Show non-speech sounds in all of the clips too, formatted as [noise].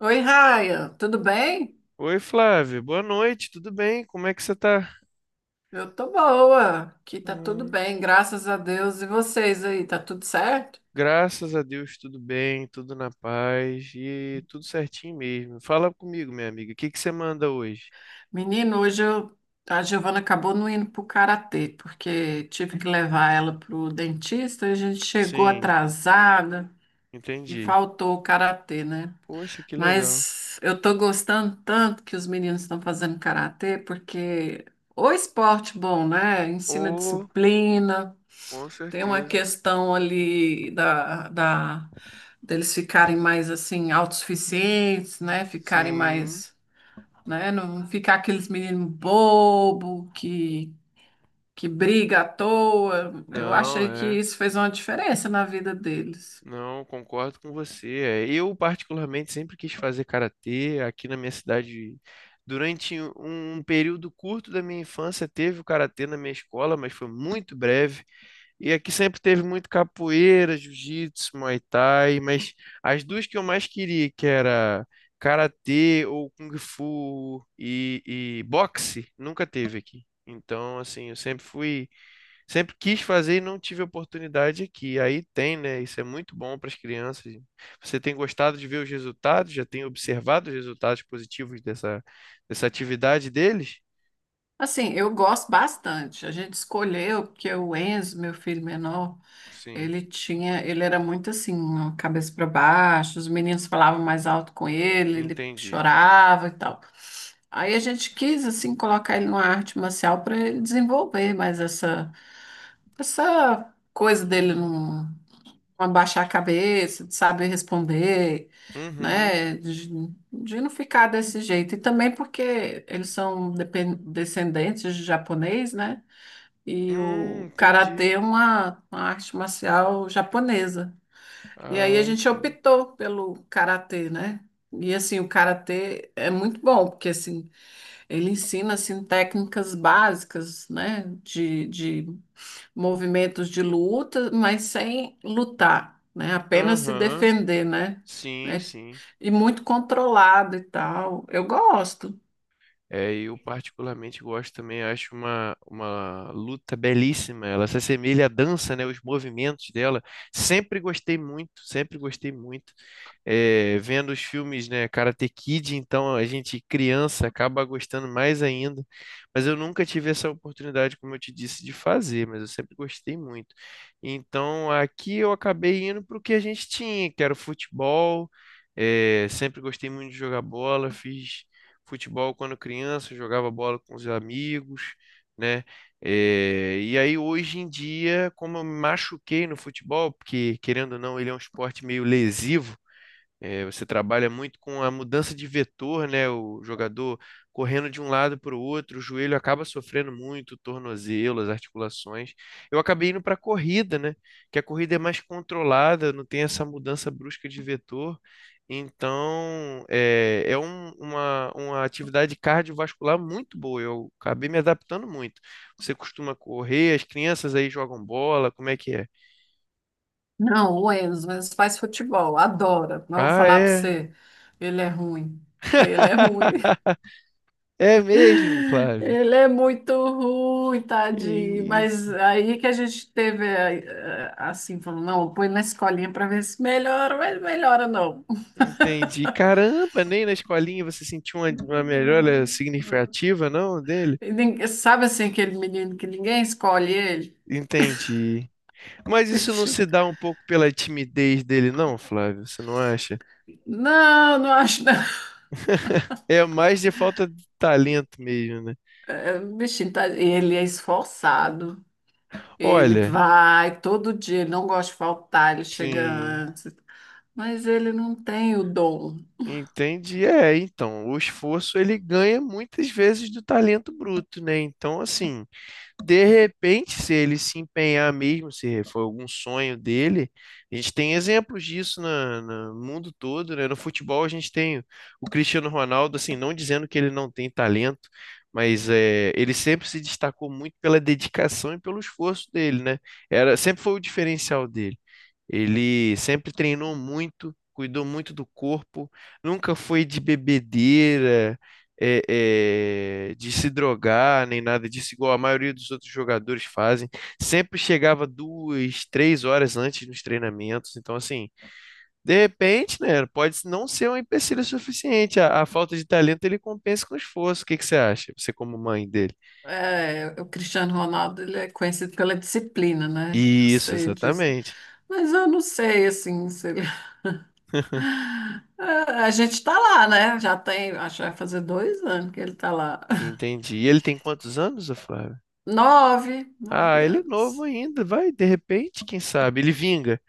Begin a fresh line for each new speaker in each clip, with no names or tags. Oi, Raia, tudo bem?
Oi, Flávia, boa noite, tudo bem? Como é que você tá?
Eu tô boa, aqui tá tudo
Ah,
bem, graças a Deus. E vocês aí, tá tudo certo?
graças a Deus, tudo bem, tudo na paz e tudo certinho mesmo. Fala comigo, minha amiga, o que que você manda hoje?
Menino, hoje a Giovana acabou não indo pro karatê, porque tive que levar ela pro dentista, a gente chegou
Sim,
atrasada e
entendi.
faltou o karatê, né?
Poxa, que legal.
Mas eu tô gostando tanto que os meninos estão fazendo karatê, porque o esporte bom, né? Ensina
Oh,
disciplina.
com
Tem uma
certeza.
questão ali deles ficarem mais assim autossuficientes, né? Ficarem
Sim,
mais, né? Não ficar aqueles meninos bobo que briga à toa. Eu
não,
achei que
é.
isso fez uma diferença na vida deles.
Não, concordo com você. É, eu, particularmente, sempre quis fazer karatê aqui na minha cidade. Durante um período curto da minha infância, teve o karatê na minha escola, mas foi muito breve. E aqui sempre teve muito capoeira, jiu-jitsu, muay thai, mas as duas que eu mais queria, que era karatê ou kung fu e boxe, nunca teve aqui. Então, assim, eu sempre fui. Sempre quis fazer e não tive oportunidade aqui. Aí tem, né? Isso é muito bom para as crianças. Você tem gostado de ver os resultados? Já tem observado os resultados positivos dessa atividade deles?
Assim, eu gosto bastante. A gente escolheu porque o Enzo, meu filho menor,
Sim,
ele tinha, ele era muito assim, ó, cabeça para baixo, os meninos falavam mais alto com ele, ele
entendi.
chorava e tal. Aí a gente quis assim colocar ele numa arte marcial para ele desenvolver mais essa coisa dele não, não abaixar a cabeça, de saber responder,
Uhum.
né, de não ficar desse jeito. E também porque eles são descendentes de japonês, né? E o
Entendi.
karatê é uma arte marcial japonesa. E aí a
Ah,
gente
sim.
optou pelo karatê, né? E assim, o karatê é muito bom, porque assim, ele ensina assim técnicas básicas, né, de movimentos de luta, mas sem lutar, né? Apenas se
Aham.
defender, né?
Sim,
É-
sim.
E muito controlado e tal. Eu gosto.
É, eu particularmente gosto também, acho uma luta belíssima. Ela se assemelha à dança, né? Os movimentos dela. Sempre gostei muito, sempre gostei muito. É, vendo os filmes, né? Karate Kid, então a gente criança acaba gostando mais ainda. Mas eu nunca tive essa oportunidade, como eu te disse, de fazer, mas eu sempre gostei muito. Então aqui eu acabei indo para o que a gente tinha, que era o futebol. É, sempre gostei muito de jogar bola, fiz futebol quando criança, jogava bola com os amigos, né? E aí hoje em dia, como eu me machuquei no futebol, porque querendo ou não, ele é um esporte meio lesivo, é, você trabalha muito com a mudança de vetor, né? O jogador correndo de um lado para o outro, o joelho acaba sofrendo muito, o tornozelo, as articulações. Eu acabei indo para a corrida, né? Que a corrida é mais controlada, não tem essa mudança brusca de vetor. Então, é, é uma atividade cardiovascular muito boa. Eu acabei me adaptando muito. Você costuma correr, as crianças aí jogam bola, como é que é?
Não, o Enzo faz futebol, adora. Mas vou
Ah,
falar para
é.
você, ele é ruim. Ele é ruim.
[laughs] É mesmo, Flávio.
Ele é muito ruim,
Que
tadinho. Mas
isso.
aí que a gente teve, assim, falou, não, põe na escolinha para ver se melhora, mas melhora não.
Entendi. Caramba, nem na escolinha você sentiu uma melhora significativa, não, dele?
Sabe assim, aquele menino que ninguém escolhe ele?
Entendi. Mas isso não
Bicho,
se dá um pouco pela timidez dele, não, Flávio? Você não acha?
não, não acho não.
É mais de falta de talento mesmo, né?
É, bichinho, tá, ele é esforçado. Ele
Olha,
vai todo dia, ele não gosta de faltar, ele chega
sim,
antes. Mas ele não tem o dom.
entendi. É, então, o esforço ele ganha muitas vezes do talento bruto, né? Então, assim. De repente, se ele se empenhar mesmo, se for algum sonho dele, a gente tem exemplos disso no mundo todo, né? No futebol a gente tem o Cristiano Ronaldo, assim, não dizendo que ele não tem talento, mas é, ele sempre se destacou muito pela dedicação e pelo esforço dele, né? Era, sempre foi o diferencial dele. Ele sempre treinou muito, cuidou muito do corpo, nunca foi de bebedeira, é, é, de se drogar, nem nada disso, igual a maioria dos outros jogadores fazem. Sempre chegava duas, três horas antes nos treinamentos. Então, assim, de repente, né, pode não ser um empecilho suficiente. A falta de talento ele compensa com esforço. O que que você acha? Você, como mãe dele?
É, o Cristiano Ronaldo, ele é conhecido pela disciplina, né? Eu
Isso,
sei disso.
exatamente.
Mas eu não sei, assim, se ele... [laughs]
[laughs]
É, a gente tá lá, né? Já tem, acho que vai fazer 2 anos que ele tá lá. [laughs]
Entendi. E ele tem quantos anos, ô Flávio?
Nove,
Ah,
nove
ele é
anos.
novo ainda, vai, de repente, quem sabe, ele vinga.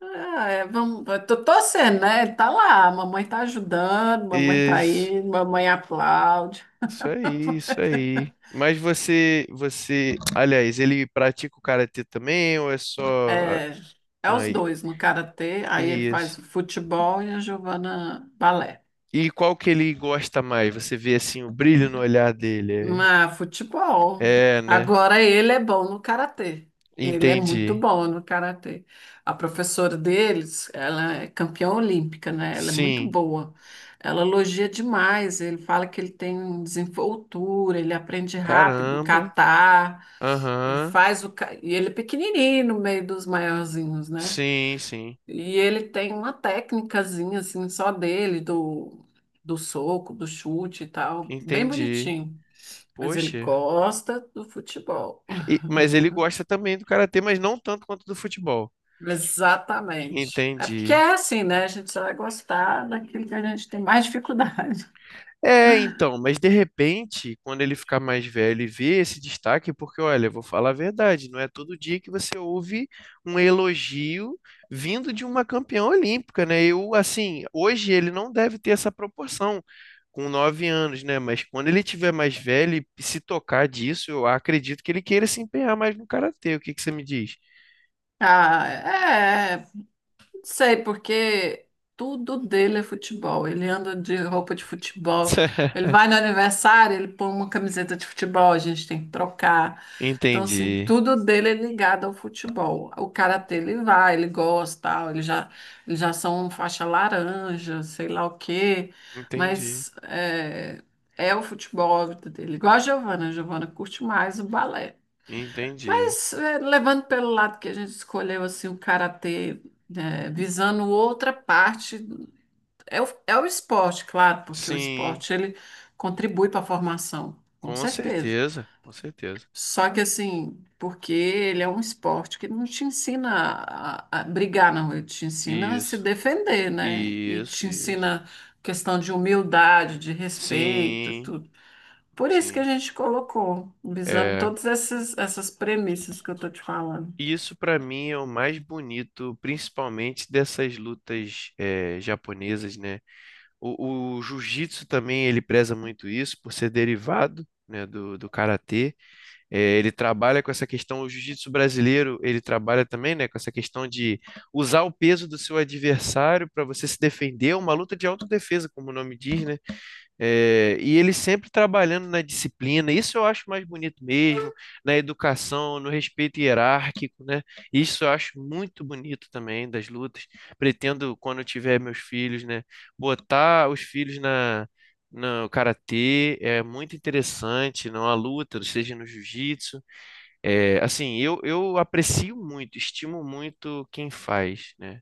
Ah, é, vamos, eu tô torcendo, né? Ele tá lá, a mamãe tá ajudando, mamãe tá
Isso,
indo, mamãe aplaude.
isso aí, isso aí. Mas você, você, aliás, ele pratica o karatê também ou é só
É, é
ah,
os
aí,
dois no karatê, aí ele
isso?
faz futebol e a Giovana balé.
E qual que ele gosta mais? Você vê assim o brilho no olhar dele.
Ah, futebol.
É, é, né?
Agora ele é bom no karatê. Ele é muito
Entendi.
bom no karatê. A professora deles, ela é campeã olímpica, né? Ela é muito
Sim.
boa. Ela elogia demais. Ele fala que ele tem desenvoltura, ele aprende rápido, o
Caramba.
catar, ele
Aham.
faz e ele é pequenininho no meio dos maiorzinhos, né?
Sim, sim.
E ele tem uma técnicazinha assim só dele do soco, do chute e tal, bem
Entendi.
bonitinho. Mas ele
Poxa.
gosta do futebol.
Mas ele
[laughs]
gosta também do karatê, mas não tanto quanto do futebol.
Exatamente. É porque
Entendi.
é assim, né? A gente só vai gostar daquilo que a gente tem mais dificuldade. [laughs]
É, então, mas de repente, quando ele ficar mais velho e ver esse destaque, porque olha, eu vou falar a verdade, não é todo dia que você ouve um elogio vindo de uma campeã olímpica, né? Eu, assim, hoje ele não deve ter essa proporção com 9 anos, né? Mas quando ele tiver mais velho e se tocar disso, eu acredito que ele queira se empenhar mais no karatê. O que que você me diz?
Ah, é. Não sei, porque tudo dele é futebol. Ele anda de roupa de futebol.
[laughs]
Ele vai no aniversário, ele põe uma camiseta de futebol, a gente tem que trocar. Então, assim,
Entendi,
tudo dele é ligado ao futebol. O karatê ele vai, ele gosta, tal, ele já, eles já são faixa laranja, sei lá o quê.
entendi,
Mas é, é o futebol a vida dele. Igual a Giovana curte mais o balé.
entendi.
Mas é, levando pelo lado que a gente escolheu assim o karatê, né, visando outra parte, é o, é o esporte, claro, porque o
Sim.
esporte ele contribui para a formação, com
Com
certeza.
certeza, com certeza.
Só que assim, porque ele é um esporte que não te ensina a brigar, não, ele te ensina a se
Isso,
defender, né? E
isso,
te
isso.
ensina questão de humildade, de respeito, e
Sim,
tudo. Por isso que a
sim.
gente colocou, visando
É,
todas essas, essas premissas que eu tô te falando.
isso pra mim é o mais bonito, principalmente dessas lutas é, japonesas, né? O jiu-jitsu também ele preza muito isso por ser derivado, né, do karatê. É, ele trabalha com essa questão, o jiu-jitsu brasileiro ele trabalha também, né, com essa questão de usar o peso do seu adversário para você se defender, uma luta de autodefesa, como o nome diz, né? É, e ele sempre trabalhando na disciplina, isso eu acho mais bonito mesmo, na educação, no respeito hierárquico, né? Isso eu acho muito bonito também das lutas. Pretendo, quando eu tiver meus filhos, né, botar os filhos na, no karatê, é muito interessante, na luta, seja no jiu-jitsu. É, assim, eu aprecio muito, estimo muito quem faz, né?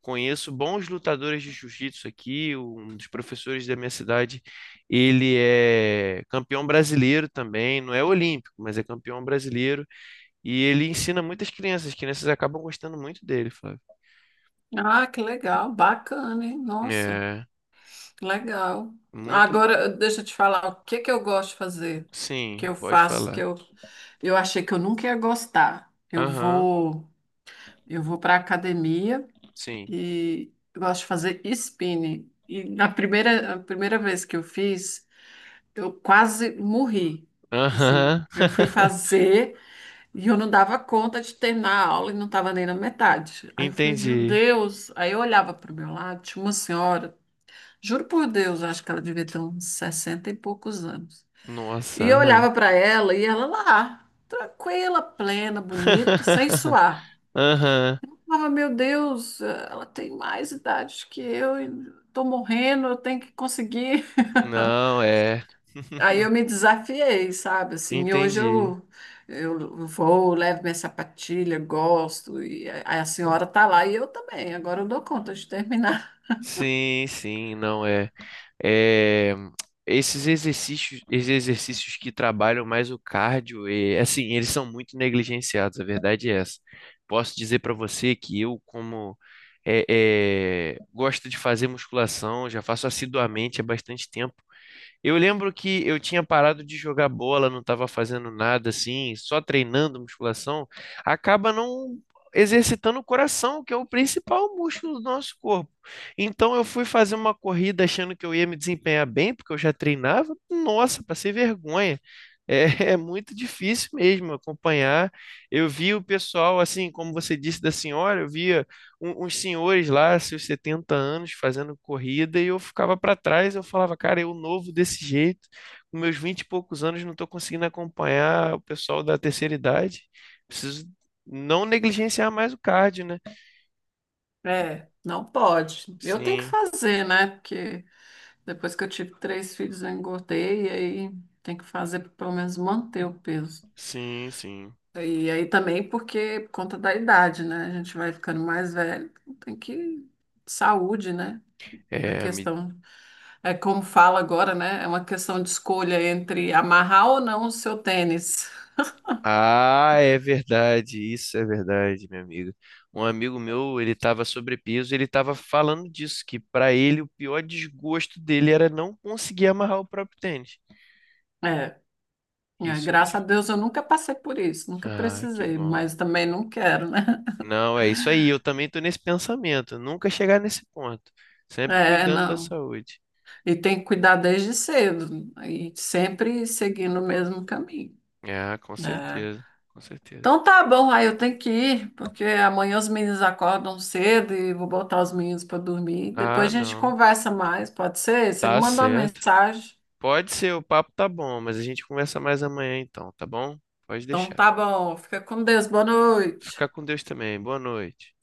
Conheço bons lutadores de jiu-jitsu aqui, um dos professores da minha cidade, ele é campeão brasileiro também, não é olímpico, mas é campeão brasileiro, e ele ensina muitas crianças, as crianças acabam gostando muito dele, Flávio.
Ah, que legal, bacana, hein? Nossa,
É,
que legal.
muito,
Agora, deixa eu te falar, o que que eu gosto de fazer? Que
sim,
eu
pode
faço, que
falar.
eu achei que eu nunca ia gostar.
Aham,
Eu vou para academia
sim.
e eu gosto de fazer spinning. E na a primeira vez que eu fiz, eu quase morri. Assim,
Aham.
eu fui
[laughs]
fazer. E eu não dava conta de terminar a aula e não estava nem na metade. Aí eu falei, meu
Entendi.
Deus. Aí eu olhava para o meu lado, tinha uma senhora, juro por Deus, eu acho que ela devia ter uns 60 e poucos anos.
Nossa,
E eu
aham.
olhava para ela e ela lá, tranquila, plena, bonita, sem
[laughs]
suar.
Aham.
Eu falava, meu Deus, ela tem mais idade que eu, e tô morrendo, eu tenho que conseguir. [laughs]
Não é.
Aí
[laughs]
eu me desafiei, sabe? Assim, e hoje
Entendi.
eu vou, levo minha sapatilha, gosto, e a senhora tá lá e eu também. Agora eu dou conta de terminar. [laughs]
Sim, sim, não é. É, esses exercícios que trabalham mais o cardio, e, assim, eles são muito negligenciados, a verdade é essa. Posso dizer para você que eu, como é, é, gosto de fazer musculação, já faço assiduamente há bastante tempo, eu lembro que eu tinha parado de jogar bola, não estava fazendo nada assim, só treinando musculação, acaba não exercitando o coração, que é o principal músculo do nosso corpo. Então eu fui fazer uma corrida achando que eu ia me desempenhar bem, porque eu já treinava. Nossa, passei vergonha. É, [laughs] é muito difícil mesmo acompanhar. Eu vi o pessoal, assim, como você disse da senhora, eu via uns senhores lá, seus 70 anos, fazendo corrida, e eu ficava para trás, eu falava, cara, eu novo desse jeito, com meus 20 e poucos anos, não estou conseguindo acompanhar o pessoal da terceira idade. Preciso não negligenciar mais o cardio, né?
É, não pode. Eu tenho que
Sim,
fazer, né? Porque depois que eu tive 3 filhos, eu engordei, e aí tem que fazer para pelo menos manter o peso.
sim, sim.
E aí também porque por conta da idade, né? A gente vai ficando mais velho, tem que. Saúde, né? A
É, me...
questão é como fala agora, né? É uma questão de escolha entre amarrar ou não o seu tênis.
Ah, é verdade, isso é verdade, minha amiga. Um amigo meu, ele estava sobrepeso, ele estava falando disso, que para ele o pior desgosto dele era não conseguir amarrar o próprio tênis.
É, é,
Isso é.
graças a Deus eu nunca passei por isso, nunca
Que
precisei,
bom.
mas também não quero, né? [laughs]
Não, é isso aí. Eu também tô nesse pensamento. Nunca chegar nesse ponto. Sempre
É,
cuidando da
não.
saúde.
E tem que cuidar desde cedo e sempre seguindo o mesmo caminho.
Ah, com
É.
certeza. Com certeza.
Então tá bom, aí eu tenho que ir, porque amanhã os meninos acordam cedo e vou botar os meninos para dormir.
Ah,
Depois a gente
não.
conversa mais, pode ser? Você me
Tá
manda uma
certo.
mensagem.
Pode ser, o papo tá bom, mas a gente conversa mais amanhã então, tá bom? Pode
Então
deixar.
tá bom, fica com Deus, boa noite.
Fica com Deus também. Boa noite.